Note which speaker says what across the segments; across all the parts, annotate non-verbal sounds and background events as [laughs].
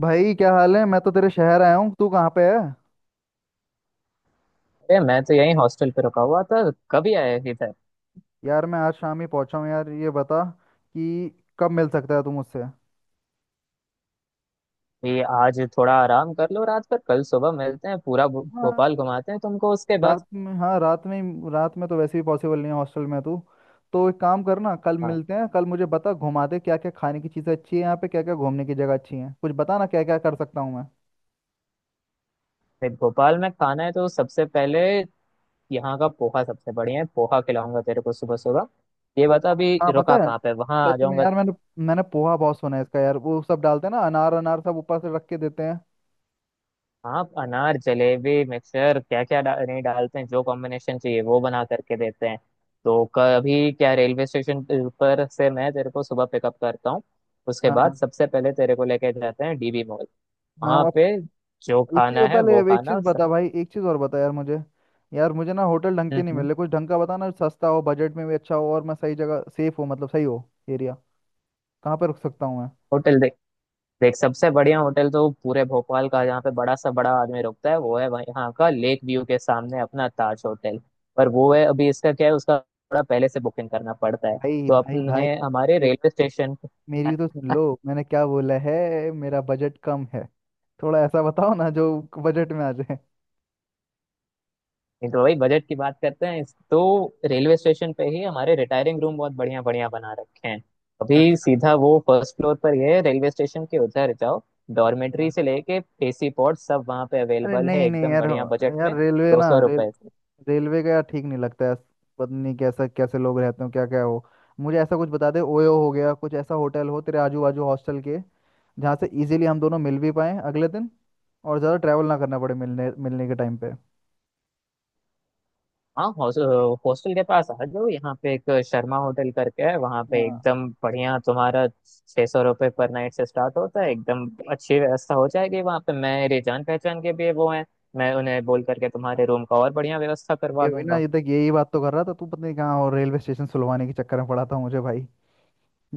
Speaker 1: भाई, क्या हाल है। मैं तो तेरे शहर आया हूँ। तू कहाँ पे है?
Speaker 2: अरे मैं तो यहीं हॉस्टल पे रुका हुआ था। कभी आया इधर?
Speaker 1: यार, मैं आज शाम ही पहुँचा हूँ। यार, ये बता कि कब मिल सकता है तू मुझसे?
Speaker 2: ये आज थोड़ा आराम कर लो रात पर, कल सुबह मिलते हैं। पूरा भो-
Speaker 1: हाँ,
Speaker 2: भोपाल घुमाते हैं तुमको उसके बाद।
Speaker 1: रात में। हाँ, रात में तो वैसे भी पॉसिबल नहीं है। हॉस्टल में है तू? तो एक काम करना, कल
Speaker 2: हाँ,
Speaker 1: मिलते हैं। कल मुझे बता, घुमा दे क्या क्या खाने की चीज़ें अच्छी है यहाँ पे, क्या क्या घूमने की जगह अच्छी है। कुछ बता ना, क्या क्या कर सकता हूँ मैं।
Speaker 2: फिर भोपाल में खाना है तो सबसे पहले यहाँ का पोहा सबसे बढ़िया है। पोहा खिलाऊंगा तेरे को सुबह सुबह। ये बता अभी
Speaker 1: हाँ, पता
Speaker 2: रुका
Speaker 1: है।
Speaker 2: कहाँ पे, वहां आ
Speaker 1: सच में
Speaker 2: जाऊंगा।
Speaker 1: यार, मैंने मैंने पोहा बहुत सुना है इसका। यार, वो सब डालते हैं ना, अनार, अनार सब ऊपर से रख के देते हैं।
Speaker 2: आप अनार जलेबी मिक्सचर क्या क्या नहीं डालते हैं, जो कॉम्बिनेशन चाहिए वो बना करके देते हैं। तो कभी क्या, रेलवे स्टेशन पर से मैं तेरे को सुबह पिकअप करता हूँ। उसके
Speaker 1: हाँ
Speaker 2: बाद
Speaker 1: हाँ
Speaker 2: सबसे पहले तेरे को लेके जाते हैं डीबी मॉल।
Speaker 1: हाँ,
Speaker 2: वहाँ
Speaker 1: वो।
Speaker 2: पे जो
Speaker 1: एक चीज
Speaker 2: खाना है
Speaker 1: पहले,
Speaker 2: वो
Speaker 1: एक चीज
Speaker 2: खाना स-
Speaker 1: बता भाई, एक चीज और बता यार मुझे। यार, मुझे ना होटल ढंग के नहीं
Speaker 2: हम्म।
Speaker 1: मिले। कुछ ढंग का बता ना, सस्ता हो, बजट में भी अच्छा हो, और मैं सही जगह, सेफ हो, मतलब सही हो एरिया। कहाँ पे रुक सकता हूँ मैं?
Speaker 2: होटल देख। देख, सबसे बढ़िया होटल तो पूरे भोपाल का, जहाँ पे बड़ा सा बड़ा आदमी रुकता है वो है यहाँ का लेक व्यू के सामने अपना ताज होटल। पर वो है, अभी इसका क्या है, उसका थोड़ा पहले से बुकिंग करना पड़ता है।
Speaker 1: भाई
Speaker 2: तो
Speaker 1: भाई भाई,
Speaker 2: अपने हमारे
Speaker 1: तो
Speaker 2: रेलवे स्टेशन पे।
Speaker 1: मेरी भी तो सुन लो, मैंने क्या बोला है। मेरा बजट कम है, थोड़ा ऐसा बताओ ना जो बजट में आ जाए।
Speaker 2: नहीं तो वही बजट की बात करते हैं तो रेलवे स्टेशन पे ही हमारे रिटायरिंग रूम बहुत बढ़िया बढ़िया बना रखे हैं। अभी
Speaker 1: अच्छा।
Speaker 2: सीधा वो फर्स्ट फ्लोर पर ये रेलवे स्टेशन के उधर जाओ, डॉर्मेट्री से लेके एसी पॉड सब वहाँ पे
Speaker 1: अरे
Speaker 2: अवेलेबल है,
Speaker 1: नहीं नहीं
Speaker 2: एकदम
Speaker 1: यार।
Speaker 2: बढ़िया बजट
Speaker 1: यार,
Speaker 2: में,
Speaker 1: रेलवे
Speaker 2: दो
Speaker 1: ना
Speaker 2: सौ
Speaker 1: रेल
Speaker 2: रुपए
Speaker 1: रेलवे का यार ठीक नहीं लगता है। पता नहीं कैसा, कैसे लोग रहते हो, क्या क्या हो। मुझे ऐसा कुछ बता दे, ओयो हो गया कुछ, ऐसा होटल हो तेरे आजू बाजू हॉस्टल के, जहाँ से इजीली हम दोनों मिल भी पाएं अगले दिन, और ज़्यादा ट्रैवल ना करना पड़े मिलने मिलने के टाइम पे।
Speaker 2: हाँ, हॉस्टल के पास आ जाओ, यहाँ पे एक शर्मा होटल करके है, वहाँ पे
Speaker 1: हाँ
Speaker 2: एकदम बढ़िया तुम्हारा 600 रुपये पर नाइट से स्टार्ट होता है। एकदम अच्छी व्यवस्था हो जाएगी वहाँ पे, मेरे जान पहचान के भी वो हैं। मैं उन्हें बोल करके तुम्हारे
Speaker 1: हाँ,
Speaker 2: रूम का और बढ़िया व्यवस्था
Speaker 1: ये
Speaker 2: करवा
Speaker 1: हुई ना,
Speaker 2: दूंगा।
Speaker 1: ये तक यही बात तो कर रहा था तू। पता नहीं कहाँ और रेलवे स्टेशन सुलवाने के चक्कर में पड़ा था मुझे भाई।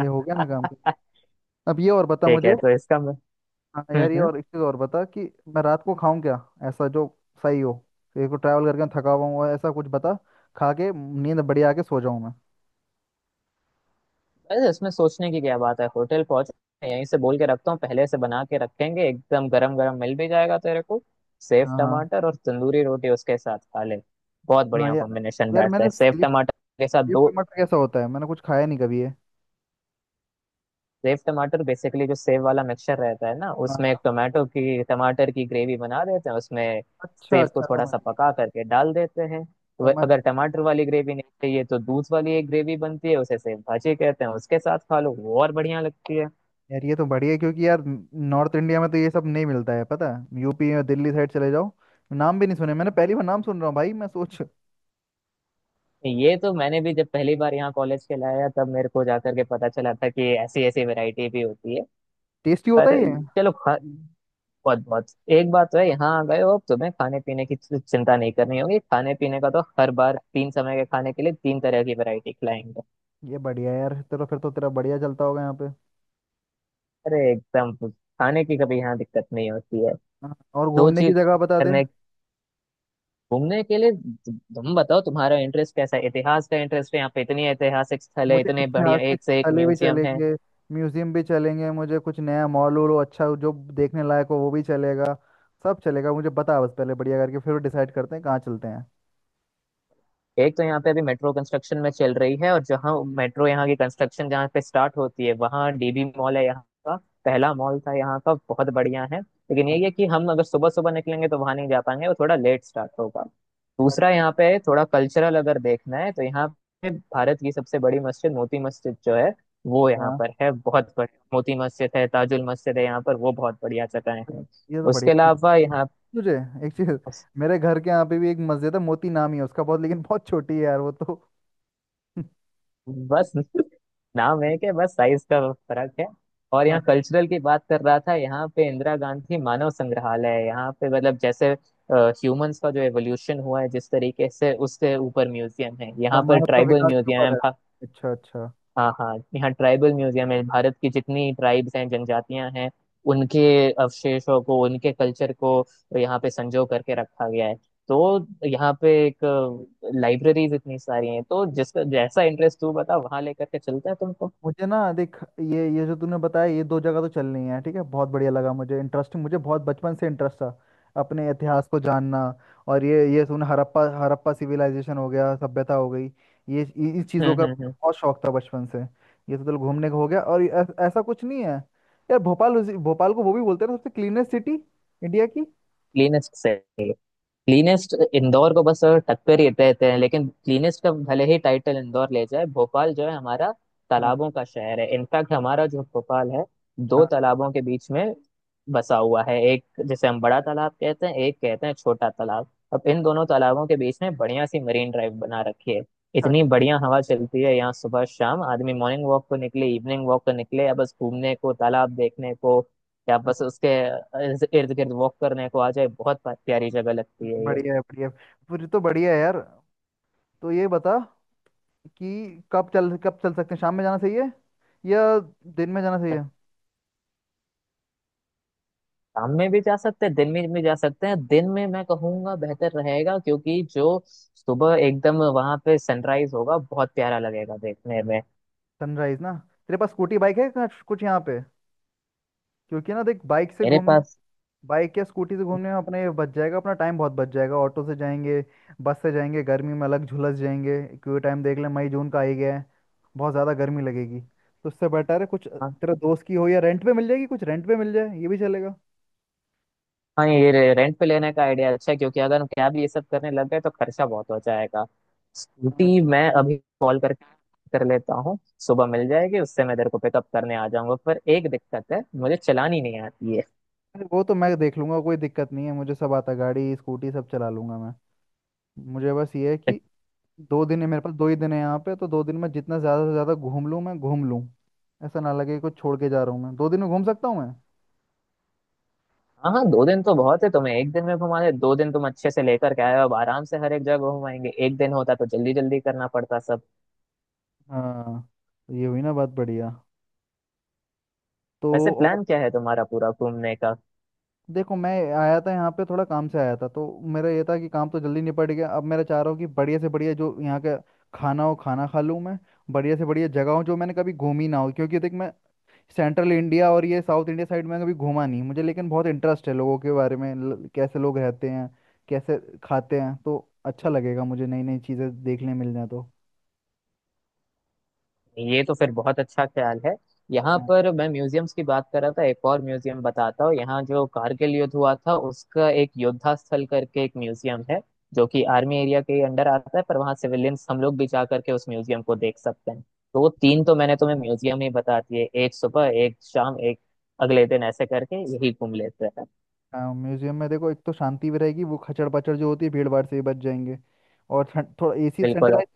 Speaker 1: ये हो गया ना काम।
Speaker 2: [laughs]
Speaker 1: अब ये और बता
Speaker 2: ठीक है
Speaker 1: मुझे।
Speaker 2: तो इसका।
Speaker 1: हाँ
Speaker 2: हम्म
Speaker 1: यार, ये
Speaker 2: हम्म।
Speaker 1: और एक चीज़ और बता कि मैं रात को खाऊं क्या, ऐसा जो सही हो। एक को ट्रैवल करके थका हुआ हूँ, ऐसा कुछ बता खा के नींद बढ़िया आके सो जाऊं मैं।
Speaker 2: अरे इसमें सोचने की क्या बात है, होटल पहुंचे यहीं से बोल के रखता हूँ, पहले से बना के रखेंगे, एकदम गरम गरम मिल भी जाएगा तेरे को। सेव
Speaker 1: हाँ हाँ
Speaker 2: टमाटर और तंदूरी रोटी उसके साथ खा ले। बहुत
Speaker 1: हाँ
Speaker 2: बढ़िया
Speaker 1: यार।
Speaker 2: कॉम्बिनेशन
Speaker 1: यार,
Speaker 2: बैठता
Speaker 1: मैंने
Speaker 2: है सेव
Speaker 1: स्लीप
Speaker 2: टमाटर के साथ
Speaker 1: स्लीप
Speaker 2: दो।
Speaker 1: मटर कैसा होता है, मैंने कुछ खाया नहीं कभी है।
Speaker 2: सेव टमाटर बेसिकली जो सेव वाला मिक्सचर रहता है ना, उसमें एक
Speaker 1: हाँ,
Speaker 2: टोमेटो की टमाटर की ग्रेवी बना देते हैं, उसमें
Speaker 1: अच्छा
Speaker 2: सेव को
Speaker 1: अच्छा,
Speaker 2: थोड़ा
Speaker 1: समझ
Speaker 2: सा
Speaker 1: गया।
Speaker 2: पका करके डाल देते हैं तो
Speaker 1: समझ
Speaker 2: अगर
Speaker 1: गया
Speaker 2: टमाटर वाली ग्रेवी नहीं चाहिए तो दूध वाली एक ग्रेवी बनती है, उसे सेव भाजी कहते हैं। उसके साथ खा लो, वो और बढ़िया लगती है।
Speaker 1: यार, ये तो बढ़िया है क्योंकि यार, नॉर्थ इंडिया में तो ये सब नहीं मिलता है। पता है, यूपी या दिल्ली साइड चले जाओ, नाम भी नहीं सुने। मैंने पहली बार नाम सुन रहा हूँ भाई, मैं सोच,
Speaker 2: ये तो मैंने भी जब पहली बार यहाँ कॉलेज के लाया तब मेरे को जाकर के पता चला था कि ऐसी ऐसी वैरायटी भी होती है।
Speaker 1: टेस्टी होता
Speaker 2: पर
Speaker 1: ही है।
Speaker 2: चलो खा। बहुत बहुत, एक बात तो है, यहाँ आ गए हो अब तुम्हें खाने पीने की चिंता नहीं करनी होगी। खाने पीने का तो हर बार तीन समय के खाने के लिए तीन तरह की वैरायटी खिलाएंगे।
Speaker 1: ये बढ़िया है यार तेरा, फिर तो तेरा बढ़िया चलता होगा यहाँ पे।
Speaker 2: अरे एकदम खाने की कभी यहाँ दिक्कत नहीं होती है।
Speaker 1: हाँ, और
Speaker 2: दो
Speaker 1: घूमने की
Speaker 2: चीज
Speaker 1: जगह बता दे।
Speaker 2: करने, घूमने के लिए तुम बताओ तुम्हारा इंटरेस्ट कैसा है। इतिहास का इंटरेस्ट है? यहाँ पे इतनी ऐतिहासिक स्थल है,
Speaker 1: मुझे
Speaker 2: इतने बढ़िया
Speaker 1: ऐतिहासिक
Speaker 2: एक से एक
Speaker 1: स्थलें भी
Speaker 2: म्यूजियम है।
Speaker 1: चलेंगे, म्यूजियम भी चलेंगे, मुझे कुछ नया मॉल वॉल हो, अच्छा हो, जो देखने लायक हो वो भी चलेगा। सब चलेगा मुझे, बता बस, पहले बढ़िया करके फिर डिसाइड करते हैं कहाँ चलते हैं।
Speaker 2: एक तो यहाँ पे अभी मेट्रो कंस्ट्रक्शन में चल रही है, और जहाँ मेट्रो यहाँ की कंस्ट्रक्शन जहाँ पे स्टार्ट होती है वहाँ डीबी मॉल है, यहाँ का पहला मॉल था, यहाँ का बहुत बढ़िया है। लेकिन
Speaker 1: अ-
Speaker 2: यही है कि हम अगर सुबह सुबह निकलेंगे तो वहाँ नहीं जा पाएंगे, वो थोड़ा लेट स्टार्ट होगा।
Speaker 1: अच्छा।
Speaker 2: दूसरा यहाँ पे थोड़ा कल्चरल अगर देखना है तो यहाँ पे भारत की सबसे बड़ी मस्जिद मोती मस्जिद जो है वो यहाँ पर है। बहुत बढ़िया मोती मस्जिद है, ताजुल मस्जिद है यहाँ पर, वो बहुत बढ़िया जगह
Speaker 1: अरे,
Speaker 2: है।
Speaker 1: ये तो बढ़िया
Speaker 2: उसके अलावा
Speaker 1: ये-
Speaker 2: यहाँ
Speaker 1: तुझे एक चीज, मेरे घर के यहाँ पे भी एक मस्जिद है, मोती नाम ही है उसका, बहुत लेकिन बहुत छोटी है यार वो तो।
Speaker 2: बस।
Speaker 1: [laughs]
Speaker 2: [laughs] नाम है कि बस साइज का फर्क है। और
Speaker 1: हाँ,
Speaker 2: यहाँ कल्चरल की बात कर रहा था, यहाँ पे इंदिरा गांधी मानव संग्रहालय है। यहाँ पे मतलब जैसे ह्यूमंस का जो एवोल्यूशन हुआ है जिस तरीके से, उससे ऊपर म्यूजियम है,
Speaker 1: अच्छा,
Speaker 2: यहाँ पर
Speaker 1: मानव का
Speaker 2: ट्राइबल
Speaker 1: विकास के
Speaker 2: म्यूजियम
Speaker 1: ऊपर है।
Speaker 2: है।
Speaker 1: अच्छा अच्छा।
Speaker 2: हाँ हाँ, यहाँ ट्राइबल म्यूजियम है, भारत की जितनी ट्राइब्स हैं, जनजातियां हैं उनके अवशेषों को, उनके कल्चर को यहाँ पे संजो करके रखा गया है। तो यहाँ पे एक लाइब्रेरीज इतनी सारी हैं, तो जिसका जैसा इंटरेस्ट तू बता वहाँ लेकर के चलता है तुमको।
Speaker 1: मुझे ना देख, ये जो तूने बताया ये दो जगह तो चलनी है, ठीक है, बहुत बढ़िया लगा मुझे, इंटरेस्टिंग। मुझे बहुत बचपन से इंटरेस्ट था अपने इतिहास को जानना। और ये तूने हड़प्पा हड़प्पा सिविलाइजेशन हो गया, सभ्यता हो गई, ये इस चीज़ों का मुझे
Speaker 2: हम्म।
Speaker 1: बहुत शौक था बचपन से। ये तो चल, घूमने का हो गया। और ऐसा कुछ नहीं है यार, भोपाल भोपाल को वो भी बोलते हैं ना सबसे क्लीनेस्ट सिटी इंडिया की?
Speaker 2: क्लीनेस्ट? क्लीनेस्ट इंदौर को बस टक्कर ही देते हैं, लेकिन क्लीनेस्ट का भले ही टाइटल इंदौर ले जाए, भोपाल जो है हमारा
Speaker 1: हाँ
Speaker 2: तालाबों का शहर है। इनफैक्ट हमारा जो भोपाल है दो
Speaker 1: हाँ,
Speaker 2: तालाबों के बीच में बसा हुआ है, एक जिसे हम बड़ा तालाब कहते हैं, एक कहते हैं छोटा तालाब। अब इन दोनों तालाबों के बीच में बढ़िया सी मरीन ड्राइव बना रखी है। इतनी
Speaker 1: अच्छा
Speaker 2: बढ़िया हवा चलती है यहाँ सुबह शाम, आदमी मॉर्निंग वॉक को निकले, इवनिंग वॉक को निकले, या बस घूमने को, तालाब देखने को, कि आप बस
Speaker 1: अच्छा।
Speaker 2: उसके इर्द गिर्द वॉक करने को आ जाए। बहुत प्यारी जगह लगती
Speaker 1: अच्छा,
Speaker 2: है ये।
Speaker 1: बढ़िया है, बढ़िया है। फिर तो बढ़िया है यार। तो ये बता कि कब चल सकते हैं, शाम में जाना सही है या दिन में जाना सही है?
Speaker 2: शाम में भी जा सकते हैं, दिन में भी जा सकते हैं, दिन में मैं कहूंगा बेहतर रहेगा क्योंकि जो सुबह एकदम वहां पे सनराइज होगा बहुत प्यारा लगेगा देखने में।
Speaker 1: सनराइज ना। तेरे पास स्कूटी, बाइक है कुछ कुछ यहाँ पे? क्योंकि ना देख, बाइक से
Speaker 2: मेरे
Speaker 1: घूमने,
Speaker 2: पास।
Speaker 1: बाइक या स्कूटी से घूमने में अपना ये बच जाएगा, अपना टाइम बहुत बच जाएगा। ऑटो से जाएंगे, बस से जाएंगे, गर्मी में अलग झुलस जाएंगे, क्योंकि टाइम देख ले, मई जून का आ ही गया है। बहुत ज़्यादा गर्मी लगेगी, तो उससे बेटर है कुछ
Speaker 2: हाँ
Speaker 1: तेरा दोस्त की हो या रेंट पे मिल जाएगी, कुछ रेंट पे मिल जाए ये भी चलेगा।
Speaker 2: हाँ, ये रेंट पे लेने का आइडिया अच्छा है क्योंकि अगर हम कैब ये सब करने लग गए तो खर्चा बहुत हो जाएगा। स्कूटी
Speaker 1: अच्छा।
Speaker 2: मैं अभी कॉल करके कर लेता हूँ, सुबह मिल जाएगी, उससे मैं तेरे को पिकअप करने आ जाऊंगा, पर एक दिक्कत है, मुझे चलानी नहीं आती है।
Speaker 1: अरे वो तो मैं देख लूंगा, कोई दिक्कत नहीं है। मुझे सब आता है, गाड़ी, स्कूटी सब चला लूंगा मैं। मुझे बस ये है कि दो दिन है मेरे पास, दो ही दिन है यहाँ पे। तो दो दिन में जितना ज़्यादा से ज़्यादा घूम लूँ मैं, घूम लूँ। ऐसा ना लगे कुछ छोड़ के जा रहा हूँ। मैं दो दिन में घूम सकता हूँ मैं।
Speaker 2: हाँ हाँ, दो दिन तो बहुत है, तुम्हें एक दिन में घुमा दे, दो दिन तुम अच्छे से लेकर के आए हो, अब आराम से हर एक जगह घुमाएंगे, एक दिन होता तो जल्दी जल्दी करना पड़ता सब।
Speaker 1: हाँ, तो ये हुई ना बात, बढ़िया। तो,
Speaker 2: वैसे
Speaker 1: और,
Speaker 2: प्लान क्या है तुम्हारा पूरा घूमने का?
Speaker 1: देखो, मैं आया था यहाँ पे, थोड़ा काम से आया था, तो मेरा ये था कि काम तो जल्दी निपट गया। अब मेरा चाह रहा हूँ कि बढ़िया से बढ़िया जो यहाँ का खाना हो, खाना खा लूँ मैं। बढ़िया से बढ़िया जगह हो जो मैंने कभी घूमी ना हो, क्योंकि देख मैं सेंट्रल इंडिया और ये साउथ इंडिया साइड में कभी घूमा नहीं मुझे, लेकिन बहुत इंटरेस्ट है लोगों के बारे में, कैसे लोग रहते हैं, कैसे खाते हैं। तो अच्छा लगेगा मुझे, नई नई चीज़ें देखने मिल जाए तो।
Speaker 2: ये तो फिर बहुत अच्छा ख्याल है। यहाँ
Speaker 1: हाँ
Speaker 2: पर मैं म्यूजियम्स की बात कर रहा था, एक और म्यूजियम बताता हूँ, यहाँ जो कारगिल युद्ध हुआ था उसका एक योद्धा स्थल करके एक म्यूजियम है, जो कि आर्मी एरिया के अंडर आता है पर वहाँ सिविलियंस हम लोग भी जा करके उस म्यूजियम को देख सकते हैं। तो वो तीन तो मैंने तुम्हें म्यूजियम ही बता दिए, एक सुबह एक शाम एक अगले दिन, ऐसे करके यही घूम लेते हैं।
Speaker 1: हाँ, म्यूजियम में देखो, एक तो शांति भी रहेगी, वो खचड़ पचड़ जो होती है भीड़ भाड़ से भी बच जाएंगे। और ठंड, थोड़ा एसी
Speaker 2: बिल्कुल।
Speaker 1: सेंट्रलाइज,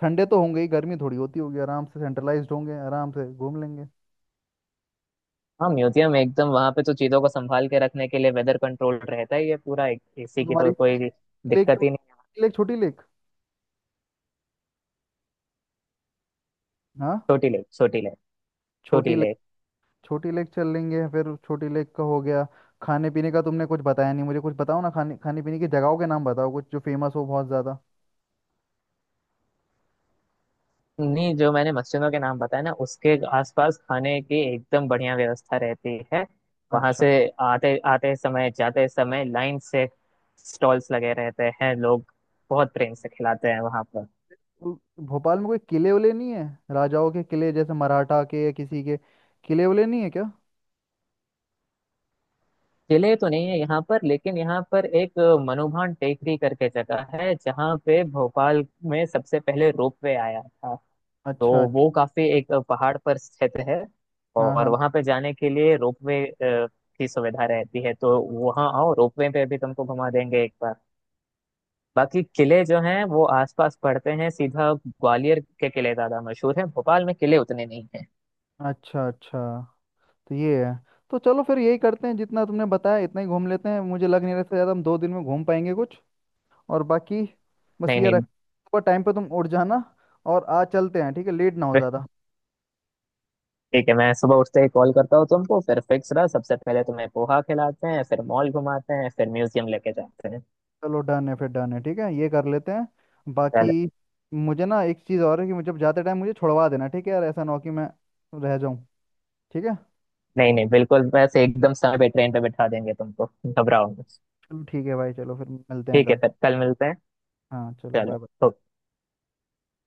Speaker 1: ठंडे तो होंगे ही, गर्मी थोड़ी होती होगी, आराम से सेंट्रलाइज्ड होंगे, आराम से घूम लेंगे।
Speaker 2: हाँ, म्यूजियम एकदम वहाँ पे तो चीजों को संभाल के रखने के लिए वेदर कंट्रोल रहता ही है पूरा, इसी
Speaker 1: तो
Speaker 2: की
Speaker 1: तुम्हारी
Speaker 2: तो कोई
Speaker 1: लेक
Speaker 2: दिक्कत
Speaker 1: तो,
Speaker 2: ही नहीं।
Speaker 1: लेक, छोटी लेक। हाँ,
Speaker 2: छोटी लेक, छोटी
Speaker 1: छोटी लेक,
Speaker 2: लेक।
Speaker 1: छोटी लेक चल लेंगे। फिर छोटी लेक का हो गया। खाने पीने का तुमने कुछ बताया नहीं मुझे, कुछ बताओ ना, खाने खाने पीने की जगहों के नाम बताओ, कुछ जो फेमस हो बहुत ज़्यादा।
Speaker 2: नहीं, जो मैंने मस्जिदों के नाम बताया ना उसके आसपास खाने की एकदम बढ़िया व्यवस्था रहती है। वहां
Speaker 1: अच्छा।
Speaker 2: से आते आते समय, जाते समय लाइन से स्टॉल्स लगे रहते हैं, लोग बहुत प्रेम से खिलाते हैं वहां पर।
Speaker 1: तो भोपाल में कोई किले उले नहीं है? राजाओं के किले जैसे मराठा के या किसी के, किले उले नहीं है क्या?
Speaker 2: किले तो नहीं है यहाँ पर, लेकिन यहाँ पर एक मनुभान टेकरी करके जगह है जहाँ पे भोपाल में सबसे पहले रोपवे आया था। तो
Speaker 1: अच्छा।
Speaker 2: वो काफी एक पहाड़ पर क्षेत्र है
Speaker 1: हाँ
Speaker 2: और
Speaker 1: हाँ,
Speaker 2: वहां पे जाने के लिए रोपवे की सुविधा रहती है। तो वहां आओ, रोपवे पे भी तुमको घुमा देंगे एक बार। बाकी किले जो हैं वो आसपास पड़ते हैं, सीधा ग्वालियर के किले ज्यादा मशहूर है, भोपाल में किले उतने नहीं हैं।
Speaker 1: अच्छा अच्छा। तो ये है, तो चलो फिर यही करते हैं, जितना तुमने बताया इतना ही घूम लेते हैं, मुझे लग नहीं रहा इससे ज़्यादा हम दो दिन में घूम पाएंगे कुछ। और बाकी, बस
Speaker 2: नहीं
Speaker 1: ये रख,
Speaker 2: नहीं।
Speaker 1: सुबह टाइम पे तुम उठ जाना और आज चलते हैं, ठीक है, लेट ना हो
Speaker 2: फिर
Speaker 1: ज़्यादा।
Speaker 2: ठीक है, मैं सुबह उठते ही कॉल करता हूँ तुमको, फिर फिक्स रहा, सबसे पहले तुम्हें पोहा खिलाते हैं, फिर मॉल घुमाते हैं, फिर म्यूजियम लेके जाते हैं।
Speaker 1: चलो, डन है फिर, डन है, ठीक है, ये कर लेते हैं
Speaker 2: चलो।
Speaker 1: बाकी। मुझे ना एक चीज़ और है कि मुझे जाते टाइम मुझे छुड़वा देना, ठीक है यार, ऐसा ना हो कि मैं रह जाऊं। ठीक है।
Speaker 2: नहीं नहीं बिल्कुल, वैसे एकदम समय पे ट्रेन पे बिठा देंगे तुमको, घबराओ मत।
Speaker 1: चलो ठीक है भाई, चलो फिर मिलते हैं
Speaker 2: ठीक है,
Speaker 1: कल।
Speaker 2: फिर कल मिलते हैं।
Speaker 1: हाँ चलो, बाय
Speaker 2: चलो
Speaker 1: बाय।
Speaker 2: तो